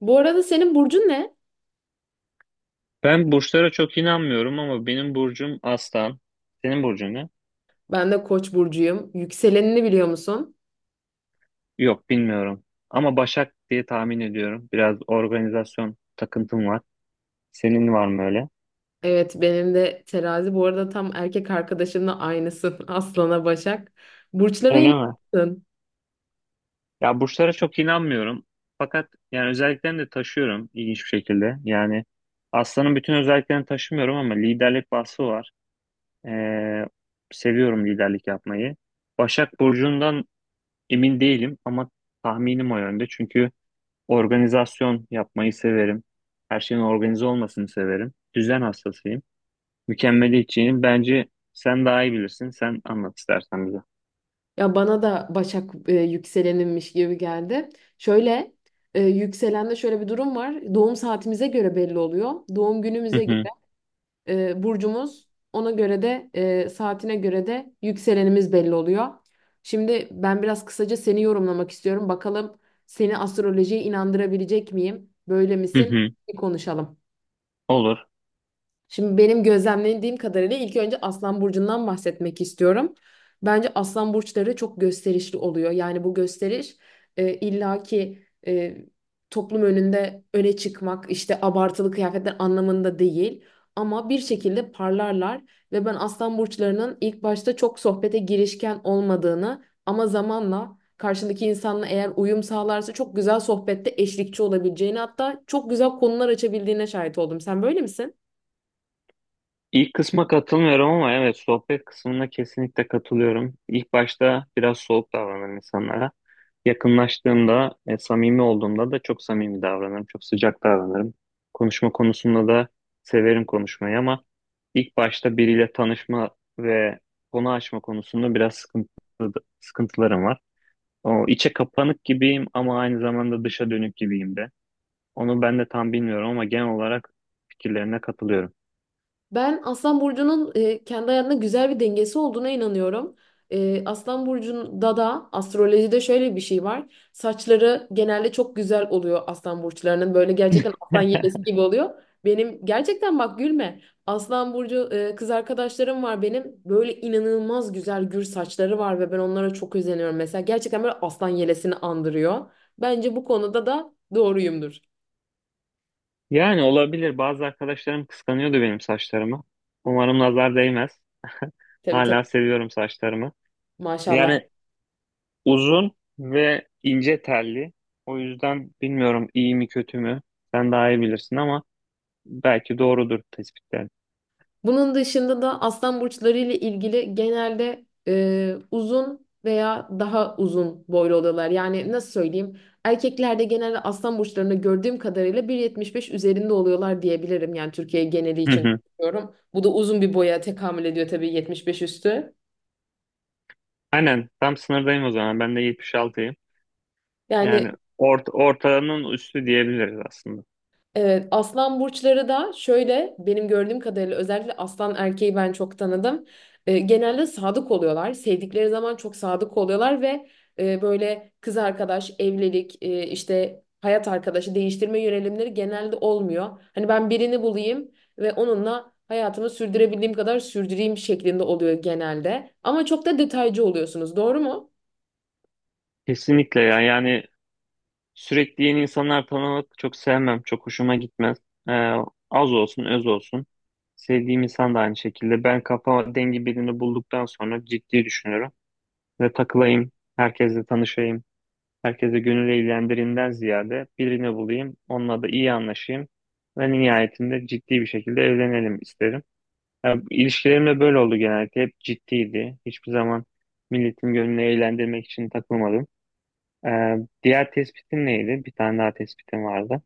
Bu arada senin burcun ne? Ben burçlara çok inanmıyorum ama benim burcum Aslan. Senin burcun ne? Ben de Koç burcuyum. Yükselenini biliyor musun? Yok bilmiyorum. Ama Başak diye tahmin ediyorum. Biraz organizasyon takıntım var. Senin var mı öyle? Evet, benim de terazi. Bu arada tam erkek arkadaşımla aynısın. Aslan'a Başak. Burçlara Öyle mi? inanıyorsun. Ya burçlara çok inanmıyorum. Fakat yani özelliklerini de taşıyorum ilginç bir şekilde. Yani Aslan'ın bütün özelliklerini taşımıyorum ama liderlik vasfı var. Ee, Seviyorum liderlik yapmayı. Başak burcundan emin değilim ama tahminim o yönde. Çünkü organizasyon yapmayı severim. Her şeyin organize olmasını severim. Düzen hastasıyım. Mükemmeliyetçiyim. Bence sen daha iyi bilirsin. Sen anlat istersen bize. Ya bana da Başak yükselenimmiş gibi geldi. Şöyle yükselende şöyle bir durum var. Doğum saatimize göre belli oluyor. Doğum Hı günümüze göre hı. Burcumuz. Ona göre de saatine göre de yükselenimiz belli oluyor. Şimdi ben biraz kısaca seni yorumlamak istiyorum. Bakalım seni astrolojiye inandırabilecek miyim? Böyle Hı misin? hı. Bir konuşalım. Olur. Şimdi benim gözlemlediğim kadarıyla ilk önce Aslan Burcu'ndan bahsetmek istiyorum. Bence Aslan Burçları çok gösterişli oluyor. Yani bu gösteriş e, illaki e, toplum önünde öne çıkmak, işte abartılı kıyafetler anlamında değil. Ama bir şekilde parlarlar ve ben Aslan Burçlarının ilk başta çok sohbete girişken olmadığını ama zamanla karşındaki insanla eğer uyum sağlarsa çok güzel sohbette eşlikçi olabileceğini hatta çok güzel konular açabildiğine şahit oldum. Sen böyle misin? İlk kısma katılmıyorum ama evet, sohbet kısmına kesinlikle katılıyorum. İlk başta biraz soğuk davranırım insanlara. Yakınlaştığımda, samimi olduğumda da çok samimi davranırım, çok sıcak davranırım. Konuşma konusunda da severim konuşmayı ama ilk başta biriyle tanışma ve konu açma konusunda biraz sıkıntılarım var. O içe kapanık gibiyim ama aynı zamanda dışa dönük gibiyim de. Onu ben de tam bilmiyorum ama genel olarak fikirlerine katılıyorum. Ben Aslan Burcu'nun kendi hayatında güzel bir dengesi olduğuna inanıyorum. Aslan Burcu'nda da astrolojide şöyle bir şey var. Saçları genelde çok güzel oluyor Aslan Burçlarının. Böyle gerçekten aslan yelesi gibi oluyor. Benim gerçekten bak gülme. Aslan Burcu kız arkadaşlarım var benim. Böyle inanılmaz güzel gür saçları var ve ben onlara çok özeniyorum. Mesela gerçekten böyle aslan yelesini andırıyor. Bence bu konuda da doğruyumdur. Yani olabilir. Bazı arkadaşlarım kıskanıyordu benim saçlarımı. Umarım nazar değmez. Tabii Hala tabii seviyorum saçlarımı. maşallah. Yani uzun ve ince telli. O yüzden bilmiyorum iyi mi kötü mü. Sen daha iyi bilirsin ama belki doğrudur tespitler. Bunun dışında da aslan burçları ile ilgili genelde uzun veya daha uzun boylu oluyorlar. Yani nasıl söyleyeyim? Erkeklerde genelde aslan burçlarını gördüğüm kadarıyla 1,75 üzerinde oluyorlar diyebilirim. Yani Türkiye geneli Hı için hı. konuşuyorum. Bu da uzun bir boya tekamül ediyor tabii 75 üstü. Aynen tam sınırdayım o zaman. Ben de 76'yım. Yani Yani ortanın üstü diyebiliriz aslında. evet, aslan burçları da şöyle benim gördüğüm kadarıyla özellikle aslan erkeği ben çok tanıdım. Genelde sadık oluyorlar. Sevdikleri zaman çok sadık oluyorlar ve böyle kız arkadaş, evlilik, işte hayat arkadaşı değiştirme yönelimleri genelde olmuyor. Hani ben birini bulayım ve onunla hayatımı sürdürebildiğim kadar sürdüreyim şeklinde oluyor genelde. Ama çok da detaycı oluyorsunuz, doğru mu? Kesinlikle ya. Yani sürekli yeni insanlar tanımak çok sevmem. Çok hoşuma gitmez. Ee, Az olsun, öz olsun. Sevdiğim insan da aynı şekilde. Ben kafa dengi birini bulduktan sonra ciddi düşünüyorum. Ve takılayım, herkesle tanışayım. Herkese gönül eğlendirimden ziyade birini bulayım. Onunla da iyi anlaşayım. Ve nihayetinde ciddi bir şekilde evlenelim isterim. Ya, ilişkilerim de böyle oldu genellikle. Hep ciddiydi. Hiçbir zaman milletin gönlünü eğlendirmek için takılmadım. Ee, Diğer tespitin neydi? Bir tane daha tespitin vardı.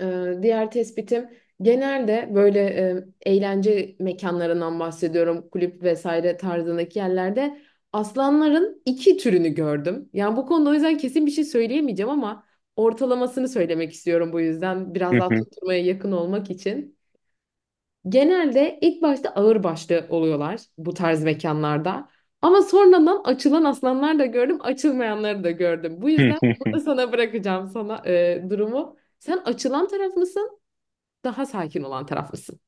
Diğer tespitim genelde böyle eğlence mekanlarından bahsediyorum. Kulüp vesaire tarzındaki yerlerde aslanların iki türünü gördüm. Yani bu konuda o yüzden kesin bir şey söyleyemeyeceğim ama ortalamasını söylemek istiyorum bu yüzden biraz Hı daha hı. tutturmaya yakın olmak için. Genelde ilk başta ağırbaşlı oluyorlar bu tarz mekanlarda. Ama sonradan açılan aslanlar da gördüm, açılmayanları da gördüm. Bu yüzden burada sana bırakacağım sana durumu. Sen açılan taraf mısın? Daha sakin olan taraf mısın?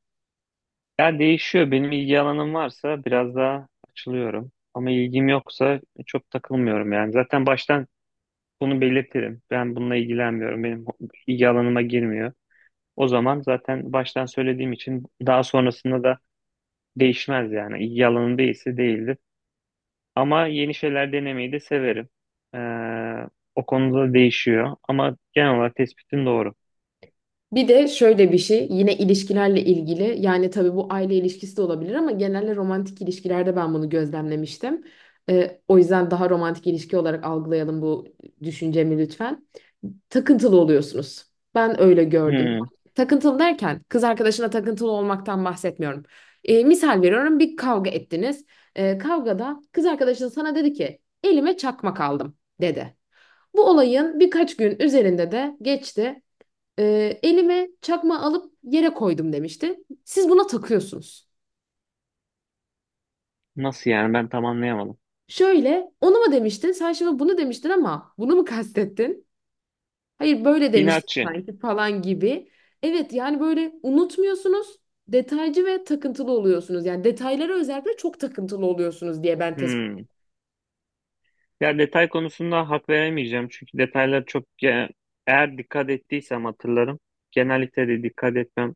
Ya değişiyor. Benim ilgi alanım varsa biraz daha açılıyorum. Ama ilgim yoksa çok takılmıyorum yani. Zaten baştan bunu belirtirim. Ben bununla ilgilenmiyorum. Benim ilgi alanıma girmiyor. O zaman zaten baştan söylediğim için daha sonrasında da değişmez yani. İlgi alanım değilse değildir. Ama yeni şeyler denemeyi de severim. Ee, O konuda değişiyor. Ama genel olarak tespitim doğru. Bir de şöyle bir şey yine ilişkilerle ilgili yani tabii bu aile ilişkisi de olabilir ama genelde romantik ilişkilerde ben bunu gözlemlemiştim. O yüzden daha romantik ilişki olarak algılayalım bu düşüncemi lütfen. Takıntılı oluyorsunuz. Ben öyle gördüm. Hmm. Takıntılı derken kız arkadaşına takıntılı olmaktan bahsetmiyorum. Misal veriyorum bir kavga ettiniz. Kavgada kız arkadaşın sana dedi ki elime çakmak aldım dedi. Bu olayın birkaç gün üzerinde de geçti. Elime çakma alıp yere koydum demişti. Siz buna takıyorsunuz. Nasıl yani, ben tam anlayamadım. Şöyle, onu mu demiştin? Sen şimdi bunu demiştin ama bunu mu kastettin? Hayır, böyle demiştin İnatçı. sanki falan gibi. Evet, yani böyle unutmuyorsunuz, detaycı ve takıntılı oluyorsunuz. Yani detaylara özellikle çok takıntılı oluyorsunuz diye ben tespit. Hmm. Ya detay konusunda hak veremeyeceğim çünkü detaylar eğer dikkat ettiysem hatırlarım. Genellikle de dikkat etmem.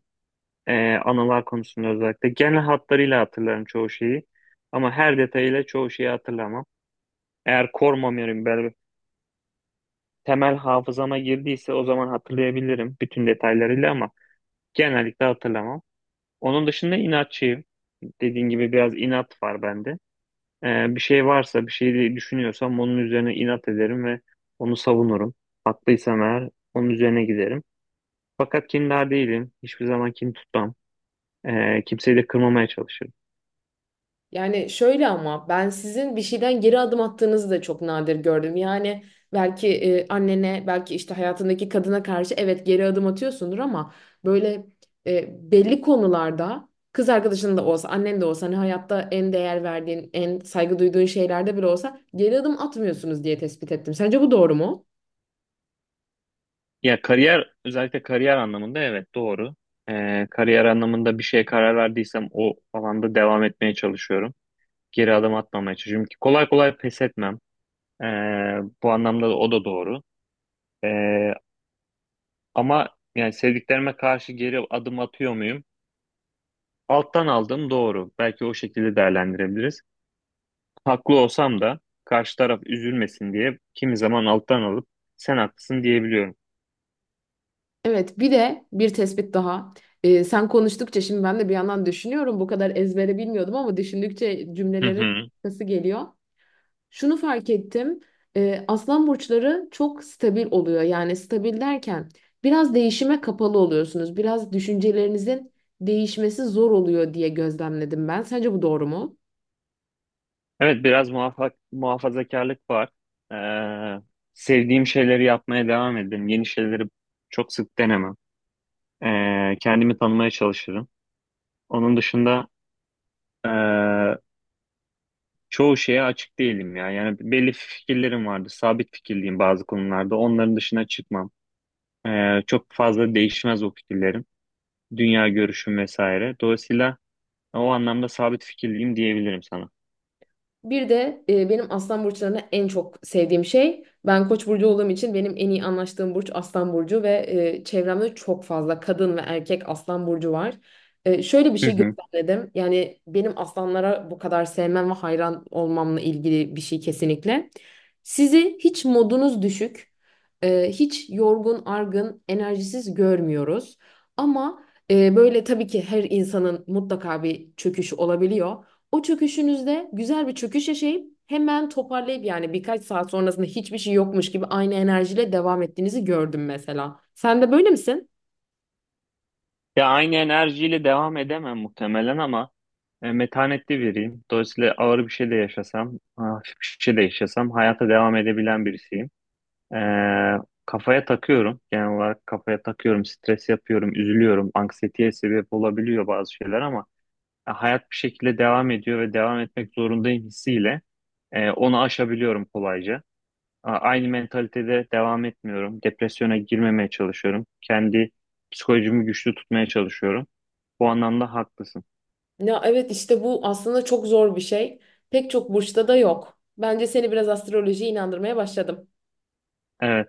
Anılar konusunda özellikle. Genel hatlarıyla hatırlarım çoğu şeyi ama her detayıyla çoğu şeyi hatırlamam. Eğer core memory'm böyle temel hafızama girdiyse o zaman hatırlayabilirim bütün detaylarıyla ama genellikle hatırlamam. Onun dışında inatçıyım. Dediğin gibi biraz inat var bende. Bir şey varsa, bir şey düşünüyorsam onun üzerine inat ederim ve onu savunurum. Haklıysam eğer onun üzerine giderim. Fakat kindar değilim. Hiçbir zaman kin tutmam. Kimseyi de kırmamaya çalışırım. Yani şöyle ama ben sizin bir şeyden geri adım attığınızı da çok nadir gördüm. Yani belki annene, belki işte hayatındaki kadına karşı evet geri adım atıyorsundur ama böyle belli konularda kız arkadaşın da olsa, annen de olsa hani hayatta en değer verdiğin, en saygı duyduğun şeylerde bile olsa geri adım atmıyorsunuz diye tespit ettim. Sence bu doğru mu? Ya kariyer, özellikle kariyer anlamında evet doğru. Kariyer anlamında bir şeye karar verdiysem o alanda devam etmeye çalışıyorum. Geri adım atmamaya çalışıyorum ki kolay kolay pes etmem. Ee, Bu anlamda da o da doğru. Ee, ama yani sevdiklerime karşı geri adım atıyor muyum? Alttan aldım doğru. Belki o şekilde değerlendirebiliriz. Haklı olsam da karşı taraf üzülmesin diye kimi zaman alttan alıp sen haklısın diyebiliyorum. Evet, bir de bir tespit daha. Sen konuştukça şimdi ben de bir yandan düşünüyorum. Bu kadar ezbere bilmiyordum ama düşündükçe Hı cümlelerin hı. arkası geliyor. Şunu fark ettim. Aslan burçları çok stabil oluyor. Yani stabil derken biraz değişime kapalı oluyorsunuz. Biraz düşüncelerinizin değişmesi zor oluyor diye gözlemledim ben. Sence bu doğru mu? Evet, biraz muhafazakarlık var. Ee, Sevdiğim şeyleri yapmaya devam ederim. Yeni şeyleri çok sık denemem. Kendimi tanımaya çalışırım. Onun dışında ee, çoğu şeye açık değilim ya. Yani belli fikirlerim vardı. Sabit fikirliyim bazı konularda. Onların dışına çıkmam. Çok fazla değişmez o fikirlerim, dünya görüşüm vesaire. Dolayısıyla o anlamda sabit fikirliyim diyebilirim sana. Bir de benim aslan burçlarına en çok sevdiğim şey ben koç burcu olduğum için benim en iyi anlaştığım burç aslan burcu ve çevremde çok fazla kadın ve erkek aslan burcu var. Şöyle bir Hı şey hı. gözlemledim. Yani benim aslanlara bu kadar sevmem ve hayran olmamla ilgili bir şey kesinlikle. Sizi hiç modunuz düşük, hiç yorgun, argın, enerjisiz görmüyoruz. Ama böyle tabii ki her insanın mutlaka bir çöküşü olabiliyor. O çöküşünüzde güzel bir çöküş yaşayıp hemen toparlayıp yani birkaç saat sonrasında hiçbir şey yokmuş gibi aynı enerjiyle devam ettiğinizi gördüm mesela. Sen de böyle misin? Ya aynı enerjiyle devam edemem muhtemelen ama metanetli biriyim. Dolayısıyla ağır bir şey de yaşasam, hafif bir şey de yaşasam hayata devam edebilen birisiyim. E, Kafaya takıyorum. Genel olarak kafaya takıyorum, stres yapıyorum, üzülüyorum. Anksiyeteye sebep olabiliyor bazı şeyler ama hayat bir şekilde devam ediyor ve devam etmek zorundayım hissiyle onu aşabiliyorum kolayca. Aynı mentalitede devam etmiyorum. Depresyona girmemeye çalışıyorum. Kendi psikolojimi güçlü tutmaya çalışıyorum. Bu anlamda haklısın. Ya evet işte bu aslında çok zor bir şey. Pek çok burçta da yok. Bence seni biraz astrolojiye inandırmaya başladım. Evet.